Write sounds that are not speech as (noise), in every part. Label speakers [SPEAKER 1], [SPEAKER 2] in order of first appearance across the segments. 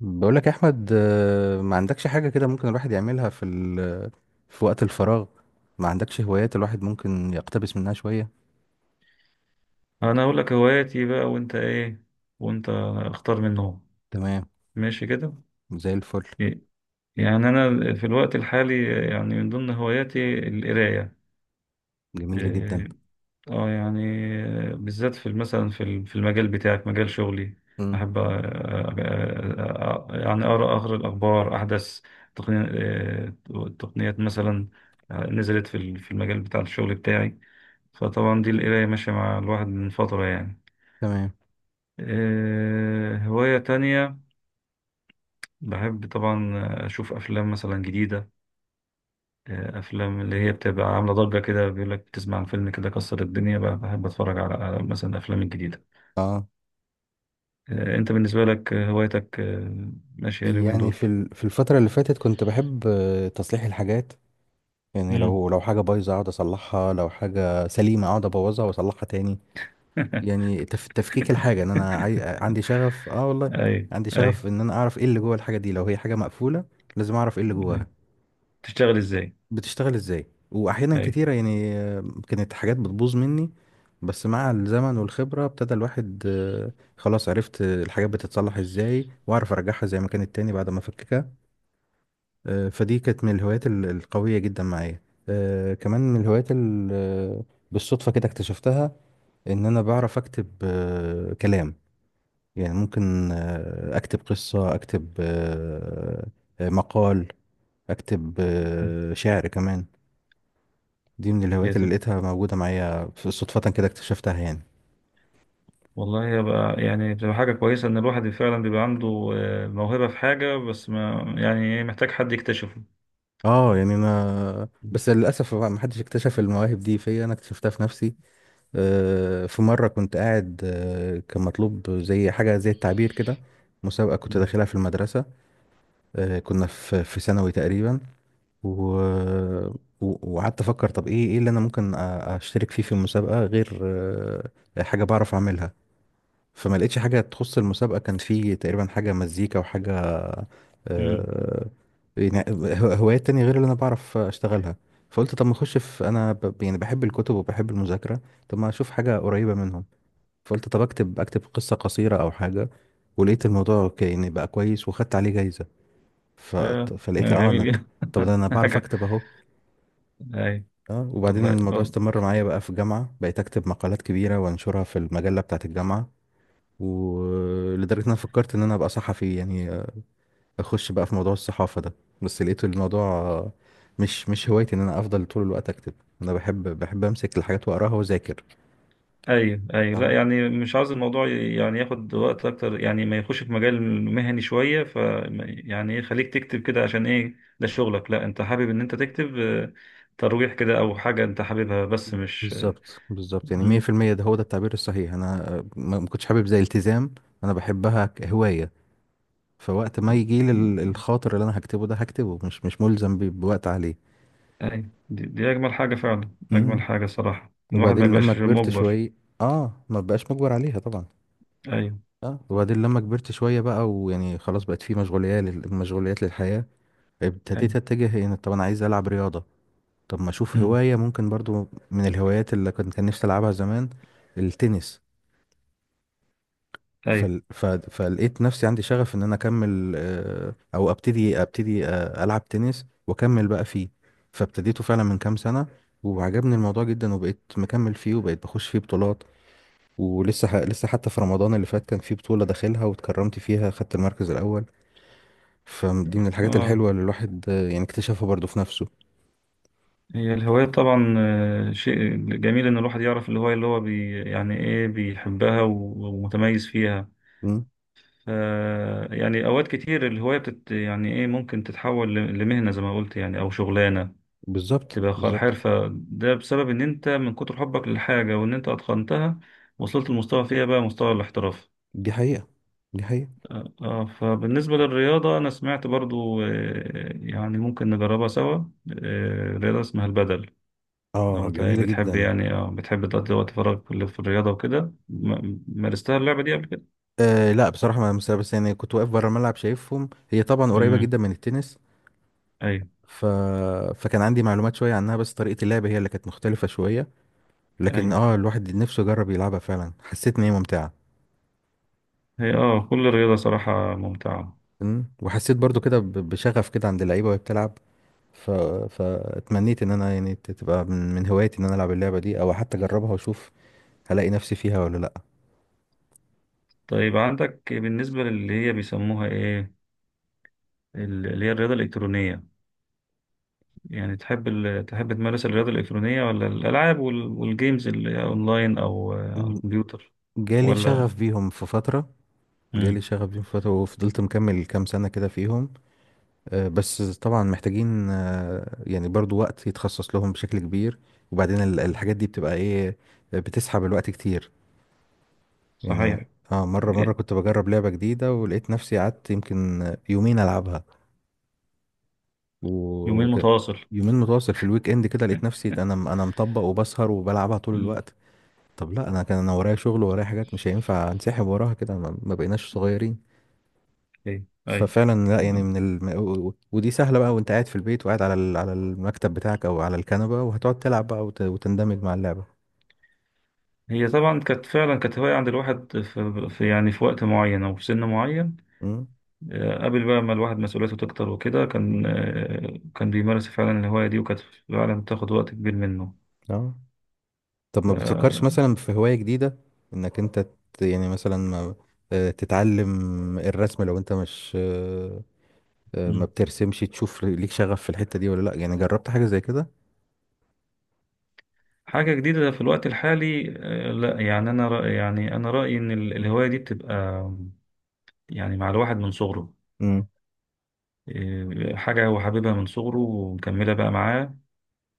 [SPEAKER 1] بقول لك يا احمد، ما عندكش حاجه كده ممكن الواحد يعملها في وقت الفراغ؟ ما عندكش هوايات الواحد ممكن يقتبس منها شويه؟
[SPEAKER 2] انا اقول لك هواياتي بقى، وانت ايه؟ وانت اختار منهم.
[SPEAKER 1] تمام،
[SPEAKER 2] ماشي كده.
[SPEAKER 1] زي الفل.
[SPEAKER 2] إيه، يعني انا في الوقت الحالي، يعني من ضمن هواياتي القرايه.
[SPEAKER 1] جميل جدا.
[SPEAKER 2] إيه، اه يعني بالذات في مثلا في في المجال بتاعك، مجال شغلي.
[SPEAKER 1] امم،
[SPEAKER 2] احب يعني اقرا اخر الاخبار، احدث تقني- تقنيات مثلا نزلت في في المجال بتاع الشغل بتاعي. فطبعا دي القرايه ماشيه مع الواحد من فتره يعني.
[SPEAKER 1] تمام.
[SPEAKER 2] هواية تانية، بحب طبعا اشوف افلام مثلا جديده، افلام اللي هي بتبقى عامله ضجه كده، بيقول لك بتسمع عن فيلم كده كسر الدنيا بقى، بحب اتفرج على مثلا الافلام الجديده.
[SPEAKER 1] اه
[SPEAKER 2] انت بالنسبه لك هوايتك ماشيه اليومين دول؟
[SPEAKER 1] في في الفتره اللي فاتت كنت بحب تصليح الحاجات. يعني
[SPEAKER 2] امم.
[SPEAKER 1] لو حاجه بايظه اقعد اصلحها، لو حاجه سليمه اقعد ابوظها واصلحها تاني.
[SPEAKER 2] (laughs)
[SPEAKER 1] يعني تفكيك الحاجه، عندي شغف، اه والله
[SPEAKER 2] اي، اي،
[SPEAKER 1] عندي
[SPEAKER 2] أي.
[SPEAKER 1] شغف ان انا اعرف ايه اللي جوه الحاجه دي، لو هي حاجه مقفوله لازم اعرف ايه اللي
[SPEAKER 2] (laughs)
[SPEAKER 1] جواها،
[SPEAKER 2] تشتغل ازاي؟
[SPEAKER 1] بتشتغل ازاي. واحيانا
[SPEAKER 2] اي.
[SPEAKER 1] كتيره يعني كانت حاجات بتبوظ مني، بس مع الزمن والخبره ابتدى الواحد، خلاص عرفت الحاجات بتتصلح ازاي، واعرف ارجعها زي ما كانت تاني بعد ما افككها. فدي كانت من الهوايات القويه جدا معايا. كمان من الهوايات بالصدفه كده اكتشفتها، ان انا بعرف اكتب كلام. يعني ممكن اكتب قصه، اكتب مقال، اكتب شعر كمان. دي من
[SPEAKER 2] هي
[SPEAKER 1] الهوايات اللي
[SPEAKER 2] تب-
[SPEAKER 1] لقيتها موجودة معايا صدفة كده اكتشفتها يعني.
[SPEAKER 2] والله يبقى، يعني بتبقى حاجه كويسه ان الواحد فعلا بيبقى عنده موهبه في حاجه، بس ما يعني إيه، محتاج حد يكتشفه.
[SPEAKER 1] انا بس للاسف ما حدش اكتشف المواهب دي فيا، انا اكتشفتها في نفسي. في مره كنت قاعد، كان مطلوب زي حاجه زي التعبير كده، مسابقه كنت
[SPEAKER 2] امم،
[SPEAKER 1] داخلها في المدرسه. كنا في ثانوي تقريبا، و وقعدت افكر، طب ايه اللي انا ممكن اشترك فيه في المسابقه غير حاجه بعرف اعملها. فما لقيتش حاجه تخص المسابقه، كان في تقريبا حاجه مزيكا وحاجه،
[SPEAKER 2] امم،
[SPEAKER 1] آه، هوايات تانية غير اللي أنا بعرف أشتغلها. فقلت طب ما أخش يعني بحب الكتب وبحب المذاكرة، طب ما أشوف حاجة قريبة منهم. فقلت طب أكتب قصة قصيرة أو حاجة. ولقيت الموضوع يعني بقى كويس وخدت عليه جايزة. ف...
[SPEAKER 2] آه،
[SPEAKER 1] فلقيت
[SPEAKER 2] آه،
[SPEAKER 1] أه
[SPEAKER 2] جميل
[SPEAKER 1] أنا،
[SPEAKER 2] جدا.
[SPEAKER 1] طب ده أنا
[SPEAKER 2] (laughs)
[SPEAKER 1] بعرف
[SPEAKER 2] حاجة.
[SPEAKER 1] أكتب أهو.
[SPEAKER 2] اي.
[SPEAKER 1] أه وبعدين
[SPEAKER 2] والله،
[SPEAKER 1] الموضوع
[SPEAKER 2] والله.
[SPEAKER 1] استمر معايا بقى في الجامعة، بقيت أكتب مقالات كبيرة وأنشرها في المجلة بتاعة الجامعة، ولدرجة إن أنا فكرت إن أنا أبقى صحفي يعني، اخش بقى في موضوع الصحافة ده. بس لقيت الموضوع مش هوايتي ان انا افضل طول الوقت اكتب. انا بحب امسك الحاجات واقراها واذاكر.
[SPEAKER 2] ايوه، ايوه، لا
[SPEAKER 1] اه،
[SPEAKER 2] يعني مش عاوز الموضوع يعني ياخد وقت اكتر، يعني ما يخش في مجال مهني شويه، ف... يعني ايه خليك تكتب كده، عشان ايه ده شغلك؟ لا، انت حابب ان انت تكتب ترويح كده او حاجه انت حاببها، بس مش...
[SPEAKER 1] بالظبط بالظبط، يعني
[SPEAKER 2] مم.
[SPEAKER 1] 100% ده هو ده التعبير الصحيح. انا ما كنتش حابب زي التزام، انا بحبها كهواية. فوقت ما يجي لي الخاطر اللي انا هكتبه ده هكتبه، مش ملزم بوقت عليه.
[SPEAKER 2] ايوه، دي اجمل حاجه فعلا، اجمل
[SPEAKER 1] مم.
[SPEAKER 2] حاجه صراحه، الواحد ما
[SPEAKER 1] وبعدين
[SPEAKER 2] يبقاش
[SPEAKER 1] لما كبرت
[SPEAKER 2] مجبر.
[SPEAKER 1] شوية، اه ما بقاش مجبر عليها طبعا.
[SPEAKER 2] ايوه،
[SPEAKER 1] اه وبعدين لما كبرت شوية بقى، ويعني خلاص بقت في مشغوليات مشغوليات للحياة،
[SPEAKER 2] ايوه.
[SPEAKER 1] ابتديت اتجه ان طب انا عايز العب رياضه. طب ما اشوف
[SPEAKER 2] مم.
[SPEAKER 1] هوايه ممكن برضو من الهوايات اللي كنت كان نفسي العبها زمان، التنس.
[SPEAKER 2] ايوه.
[SPEAKER 1] فلقيت نفسي عندي شغف ان انا اكمل، او ابتدي العب تنس واكمل بقى فيه. فابتديته فعلا من كام سنه، وعجبني الموضوع جدا وبقيت مكمل فيه وبقيت بخش فيه بطولات. لسه حتى في رمضان اللي فات كان في بطوله داخلها واتكرمت فيها، خدت المركز الاول. فدي من الحاجات
[SPEAKER 2] اه.
[SPEAKER 1] الحلوه اللي الواحد، يعني اكتشفها برضو في نفسه.
[SPEAKER 2] هي الهواية طبعا، شيء جميل إن الواحد يعرف الهواية اللي هو بي يعني إيه بيحبها ومتميز فيها، ف... يعني أوقات كتير الهواية بتت، يعني إيه، ممكن تتحول لمهنة زي ما قلت، يعني أو شغلانة
[SPEAKER 1] بالظبط
[SPEAKER 2] تبقى
[SPEAKER 1] بالظبط.
[SPEAKER 2] حرفة، ده بسبب إن أنت من كتر حبك للحاجة، وإن أنت أتقنتها، وصلت لمستوى فيها بقى مستوى الاحتراف.
[SPEAKER 1] دي حقيقة، دي حقيقة.
[SPEAKER 2] فبالنسبة للرياضة، أنا سمعت برضو، يعني ممكن نجربها سوا، رياضة اسمها البدل. لو
[SPEAKER 1] اه
[SPEAKER 2] انت
[SPEAKER 1] جميلة
[SPEAKER 2] بتحب،
[SPEAKER 1] جدا.
[SPEAKER 2] يعني بتحب تقضي وقت فراغك في في الرياضة وكده، مارستها اللعبة دي قبل كده؟
[SPEAKER 1] آه لا بصراحة ما لمستها، بس يعني كنت واقف بره الملعب شايفهم، هي طبعا قريبة
[SPEAKER 2] امم.
[SPEAKER 1] جدا من التنس.
[SPEAKER 2] ايوه،
[SPEAKER 1] ف... فكان عندي معلومات شوية عنها، بس طريقة اللعب هي اللي كانت مختلفة شوية. لكن
[SPEAKER 2] ايوه.
[SPEAKER 1] اه الواحد نفسه يجرب يلعبها، فعلا حسيت ان هي ممتعة.
[SPEAKER 2] هي كل الرياضة صراحة ممتعة.
[SPEAKER 1] أمم، وحسيت برضو كده بشغف كده عند اللعيبة وهي بتلعب. ف... فاتمنيت ان انا يعني تبقى من هواياتي ان انا العب اللعبة دي، او حتى اجربها واشوف هلاقي نفسي فيها ولا لا.
[SPEAKER 2] طيب عندك بالنسبة للي هي بيسموها ايه، اللي هي الرياضة الإلكترونية، يعني تحب تحب تمارس الرياضة الإلكترونية، ولا الألعاب والجيمز اللي أونلاين، أو على
[SPEAKER 1] أمم،
[SPEAKER 2] الكمبيوتر؟
[SPEAKER 1] جالي
[SPEAKER 2] ولا...
[SPEAKER 1] شغف بيهم في فترة، جالي
[SPEAKER 2] امم.
[SPEAKER 1] شغف بيهم فترة وفضلت مكمل كام سنة كده فيهم. بس طبعا محتاجين، يعني برضو وقت يتخصص لهم بشكل كبير. وبعدين الحاجات دي بتبقى ايه، بتسحب الوقت كتير يعني.
[SPEAKER 2] صحيح.
[SPEAKER 1] اه مرة كنت بجرب لعبة جديدة، ولقيت نفسي قعدت يمكن يومين ألعبها.
[SPEAKER 2] يومين
[SPEAKER 1] وكان
[SPEAKER 2] متواصل.
[SPEAKER 1] يومين متواصل في الويك اند كده، لقيت نفسي انا
[SPEAKER 2] (laughs)
[SPEAKER 1] انا مطبق وبسهر وبلعبها طول
[SPEAKER 2] امم.
[SPEAKER 1] الوقت. طب لا، انا كان انا ورايا شغل ورايا حاجات، مش هينفع انسحب وراها كده، ما بقيناش صغيرين.
[SPEAKER 2] ايوه،
[SPEAKER 1] ففعلا لا يعني
[SPEAKER 2] ايوه.
[SPEAKER 1] و- ودي سهله بقى، وانت قاعد في البيت وقاعد على على المكتب بتاعك او على الكنبه، وهتقعد تلعب بقى وتندمج مع اللعبه.
[SPEAKER 2] هي طبعا كانت فعلا، كانت هواية عند الواحد في يعني في وقت معين أو في سن معين.
[SPEAKER 1] امم،
[SPEAKER 2] قبل بقى ما الواحد مسؤوليته تكتر وكده، كان كان بيمارس فعلا الهواية دي، وكانت فعلا بتاخد وقت كبير منه،
[SPEAKER 1] اه طب
[SPEAKER 2] ف-
[SPEAKER 1] ما بتفكرش مثلا في هوايه جديده، انك انت يعني مثلا ما... آه، تتعلم الرسم؟ لو انت مش آه، آه، ما
[SPEAKER 2] مم.
[SPEAKER 1] بترسمش، تشوف ليك شغف في الحته دي ولا لا؟ يعني جربت حاجه زي كده؟
[SPEAKER 2] حاجة جديدة في الوقت الحالي، لا يعني أنا رأي، يعني أنا رأيي إن الهواية دي بتبقى يعني مع الواحد من صغره،
[SPEAKER 1] امم،
[SPEAKER 2] حاجة هو حاببها من صغره ومكملة بقى معاه،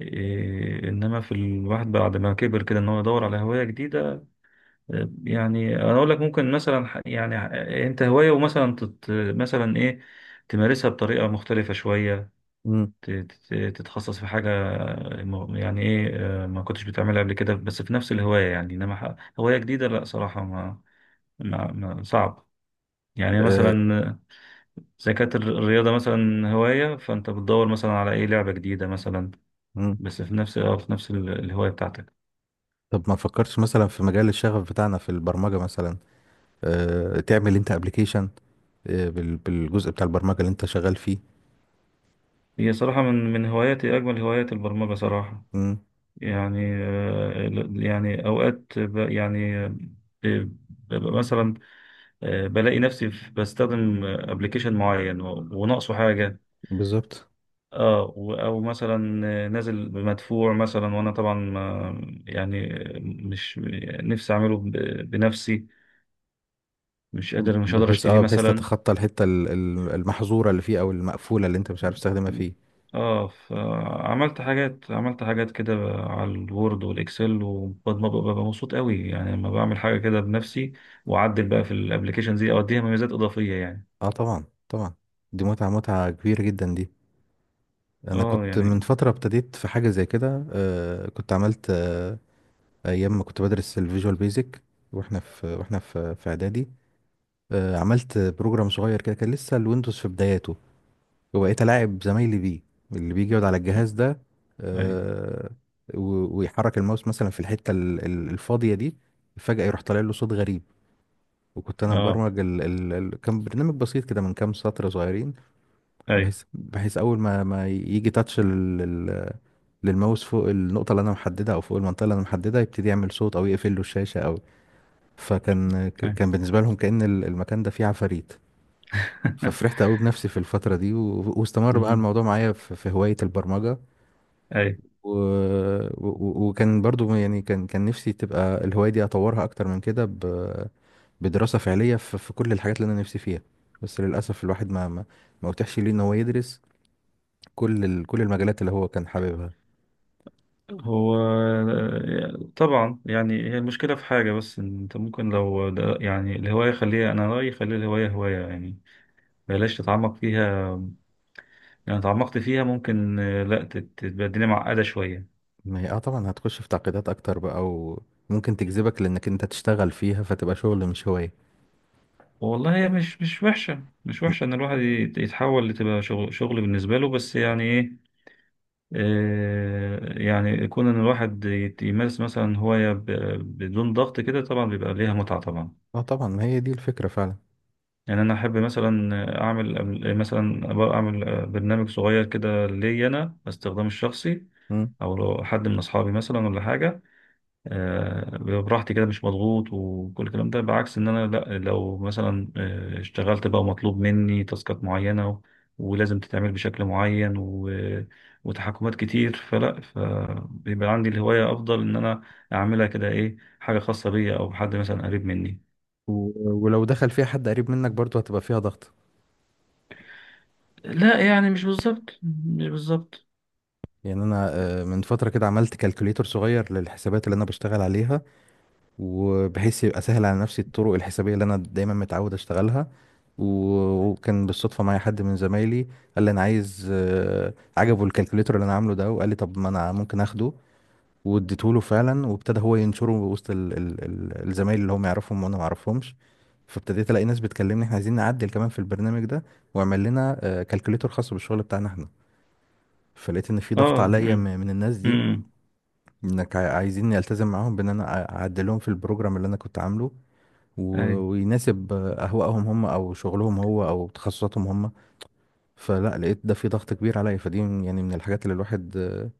[SPEAKER 2] إنما في الواحد بعد ما كبر كده، إن هو يدور على هواية جديدة. يعني انا اقول لك ممكن مثلا انت هوايه، ومثلا تت... مثلا ايه، تمارسها بطريقه مختلفه شويه،
[SPEAKER 1] امم،
[SPEAKER 2] تتخصص في حاجه، يعني ايه، ما كنتش بتعملها قبل كده، بس في نفس الهوايه يعني، انما هوايه جديده لا صراحه ما صعب. يعني
[SPEAKER 1] آه،
[SPEAKER 2] مثلا زي كانت الرياضه مثلا هوايه، فانت بتدور مثلا على ايه لعبه جديده مثلا،
[SPEAKER 1] امم.
[SPEAKER 2] بس في نفس الهوايه بتاعتك.
[SPEAKER 1] طب ما فكرتش مثلا في مجال الشغف بتاعنا في البرمجه مثلا؟ تعمل انت ابلكيشن، بالجزء بتاع البرمجة اللي انت شغال فيه.
[SPEAKER 2] هي صراحه من هواياتي، اجمل هوايات البرمجه صراحه.
[SPEAKER 1] مم،
[SPEAKER 2] يعني يعني اوقات يعني ببقى مثلا، بلاقي نفسي بستخدم ابلكيشن معين وناقصه حاجه.
[SPEAKER 1] بالظبط،
[SPEAKER 2] اه او مثلا نازل بمدفوع مثلا، وانا طبعا يعني مش نفسي اعمله بنفسي، مش قادر
[SPEAKER 1] بحيث
[SPEAKER 2] اشتريه
[SPEAKER 1] اه بحيث
[SPEAKER 2] مثلا.
[SPEAKER 1] تتخطى الحتة المحظورة اللي فيه، او المقفولة اللي انت مش عارف تستخدمها فيه.
[SPEAKER 2] اه، فعملت حاجات عملت حاجات كده على الوورد والاكسل، وببقى مبسوط قوي، يعني لما بعمل حاجه كده بنفسي، واعدل بقى في الابلكيشن دي او اديها مميزات اضافيه يعني.
[SPEAKER 1] اه طبعا، طبعا. دي متعة، متعة كبيرة جدا دي. انا
[SPEAKER 2] اه
[SPEAKER 1] كنت من
[SPEAKER 2] يعني.
[SPEAKER 1] فترة ابتديت في حاجة زي كده، آه كنت عملت آه، ايام ما كنت بدرس الفيجوال بيزك. واحنا في اعدادي. آه عملت بروجرام صغير كده، كان لسه الويندوز في بداياته، وبقيت ألاعب زمايلي بيه، اللي بيجي يقعد على الجهاز ده.
[SPEAKER 2] ايوه.
[SPEAKER 1] آه، ويحرك الماوس مثلا في الحتة الفاضية دي، فجأة يروح طالع له صوت غريب. وكنت أنا
[SPEAKER 2] اه.
[SPEAKER 1] مبرمج كان برنامج بسيط كده من كام سطر صغيرين.
[SPEAKER 2] ايوه،
[SPEAKER 1] بحيث أول ما يجي تاتش للماوس فوق النقطة اللي أنا محددها، أو فوق المنطقة اللي أنا محددها، يبتدي يعمل صوت أو يقفل له الشاشة أو، فكان
[SPEAKER 2] ايوه.
[SPEAKER 1] كان بالنسبة لهم كأن المكان ده فيه عفاريت.
[SPEAKER 2] (laughs)
[SPEAKER 1] ففرحت قوي بنفسي في الفترة دي، واستمر بقى
[SPEAKER 2] مم.
[SPEAKER 1] الموضوع معايا في في هواية البرمجة.
[SPEAKER 2] ايوه.
[SPEAKER 1] و... وكان برضو يعني كان نفسي تبقى الهواية دي أطورها أكتر من كده بدراسة فعلية في كل الحاجات اللي أنا نفسي فيها. بس للأسف الواحد ما أتيحش ليه إن هو يدرس كل كل المجالات اللي هو كان حاببها.
[SPEAKER 2] هو طبعا، يعني هي المشكله في حاجه، بس إن انت ممكن لو ده، يعني الهوايه خليها، انا رايي خلي الهوايه هوايه، يعني بلاش تتعمق فيها، لو تعمقت فيها ممكن لا تبقى الدنيا معقدة شوية.
[SPEAKER 1] ما هي اه طبعا هتخش في تعقيدات أكتر بقى، وممكن تجذبك لأنك أنت تشتغل فيها، فتبقى شغل مش هواية.
[SPEAKER 2] والله، هي مش وحشة، مش
[SPEAKER 1] م-
[SPEAKER 2] وحشة، إن الواحد يتحول لتبقى شغل، شغل بالنسبة له، بس يعني إيه، يعني يكون إن الواحد يمارس مثلا هواية بدون ضغط كده، طبعا بيبقى ليها متعة طبعا.
[SPEAKER 1] اه طبعا، ما هي دي الفكرة فعلا.
[SPEAKER 2] يعني أنا أحب مثلا أعمل، مثلا أبقى أعمل برنامج صغير كده ليا أنا، باستخدامي الشخصي،
[SPEAKER 1] مم.
[SPEAKER 2] أو لو حد من أصحابي مثلا ولا حاجة. بيبقى براحتي كده، مش مضغوط، وكل الكلام ده، بعكس ان انا لا، لو مثلا اشتغلت بقى، مطلوب مني تاسكات معينة، ولازم تتعمل بشكل معين، و- وتحكمات كتير، فلا، فبيبقى عندي الهواية افضل ان انا اعملها كده، ايه حاجة خاصة بيا او حد مثلا قريب مني.
[SPEAKER 1] و... ولو دخل فيها حد قريب منك برضو هتبقى فيها ضغط.
[SPEAKER 2] لا، يعني مش بالظبط مش بالظبط.
[SPEAKER 1] يعني أنا، من فترة كده عملت كالكوليتر صغير للحسابات اللي أنا بشتغل عليها، وبحيث يبقى سهل على نفسي الطرق الحسابية اللي أنا دايما متعود أشتغلها. وكان بالصدفة معايا حد من زمايلي، قال لي أنا عايز، عجبه الكالكوليتر اللي أنا عامله ده، وقال لي طب ما أنا ممكن أخده. واديته له فعلا، وابتدى هو ينشره وسط الزمايل اللي هم يعرفهم وأنا ما أعرفهمش. فابتديت ألاقي ناس بتكلمني إحنا عايزين نعدل كمان في البرنامج ده، واعمل لنا كالكوليتر خاص بالشغل بتاعنا إحنا. فلقيت إن في ضغط
[SPEAKER 2] اه.
[SPEAKER 1] عليا
[SPEAKER 2] امم،
[SPEAKER 1] من الناس دي،
[SPEAKER 2] امم.
[SPEAKER 1] انك عايزين التزم معاهم بان انا اعدلهم في البروجرام اللي انا كنت عامله،
[SPEAKER 2] اي.
[SPEAKER 1] ويناسب اهوائهم هم او شغلهم هو او تخصصاتهم هم. فلا، لقيت ده في ضغط كبير عليا، فدي يعني من الحاجات اللي الواحد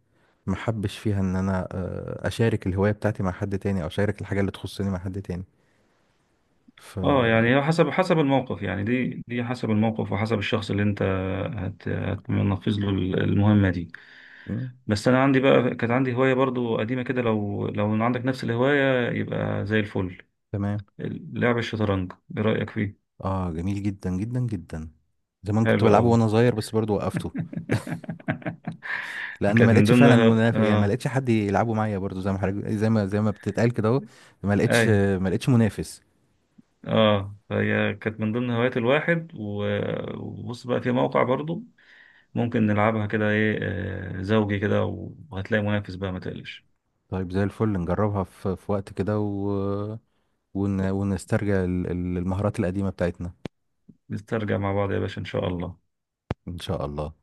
[SPEAKER 1] ما حبش فيها، ان انا اشارك الهواية بتاعتي مع حد تاني، او اشارك الحاجة اللي تخصني مع حد تاني. ف
[SPEAKER 2] اه يعني هو حسب الموقف، يعني دي حسب الموقف، وحسب الشخص اللي انت هتنفذ له المهمة دي.
[SPEAKER 1] مم،
[SPEAKER 2] بس انا عندي بقى، كانت عندي هوايه برضو قديمه كده، لو عندك نفس الهوايه يبقى زي الفل.
[SPEAKER 1] تمام.
[SPEAKER 2] لعب الشطرنج، ايه رايك فيه؟
[SPEAKER 1] اه جميل جدا جدا جدا. زمان كنت
[SPEAKER 2] حلو
[SPEAKER 1] بلعبه
[SPEAKER 2] قوي.
[SPEAKER 1] وانا صغير بس برضو وقفته،
[SPEAKER 2] (laughs)
[SPEAKER 1] لان ما
[SPEAKER 2] كانت من
[SPEAKER 1] لقيتش
[SPEAKER 2] ضمن
[SPEAKER 1] فعلا منافس. يعني ما
[SPEAKER 2] اه.
[SPEAKER 1] لقيتش حد يلعبه معايا برضو، زي ما حضرتك، زي ما بتتقال كده اهو. ما
[SPEAKER 2] اي.
[SPEAKER 1] لقيتش ما لقيتش منافس.
[SPEAKER 2] اه. فهي كانت من ضمن هوايات الواحد، وبص بقى في موقع برضو ممكن نلعبها كده، ايه زوجي كده، وهتلاقي منافس بقى ما تقلقش.
[SPEAKER 1] طيب زي الفل، نجربها في في وقت كده، ونسترجع المهارات القديمة بتاعتنا.
[SPEAKER 2] نسترجع مع بعض يا باشا ان شاء الله.
[SPEAKER 1] إن شاء الله.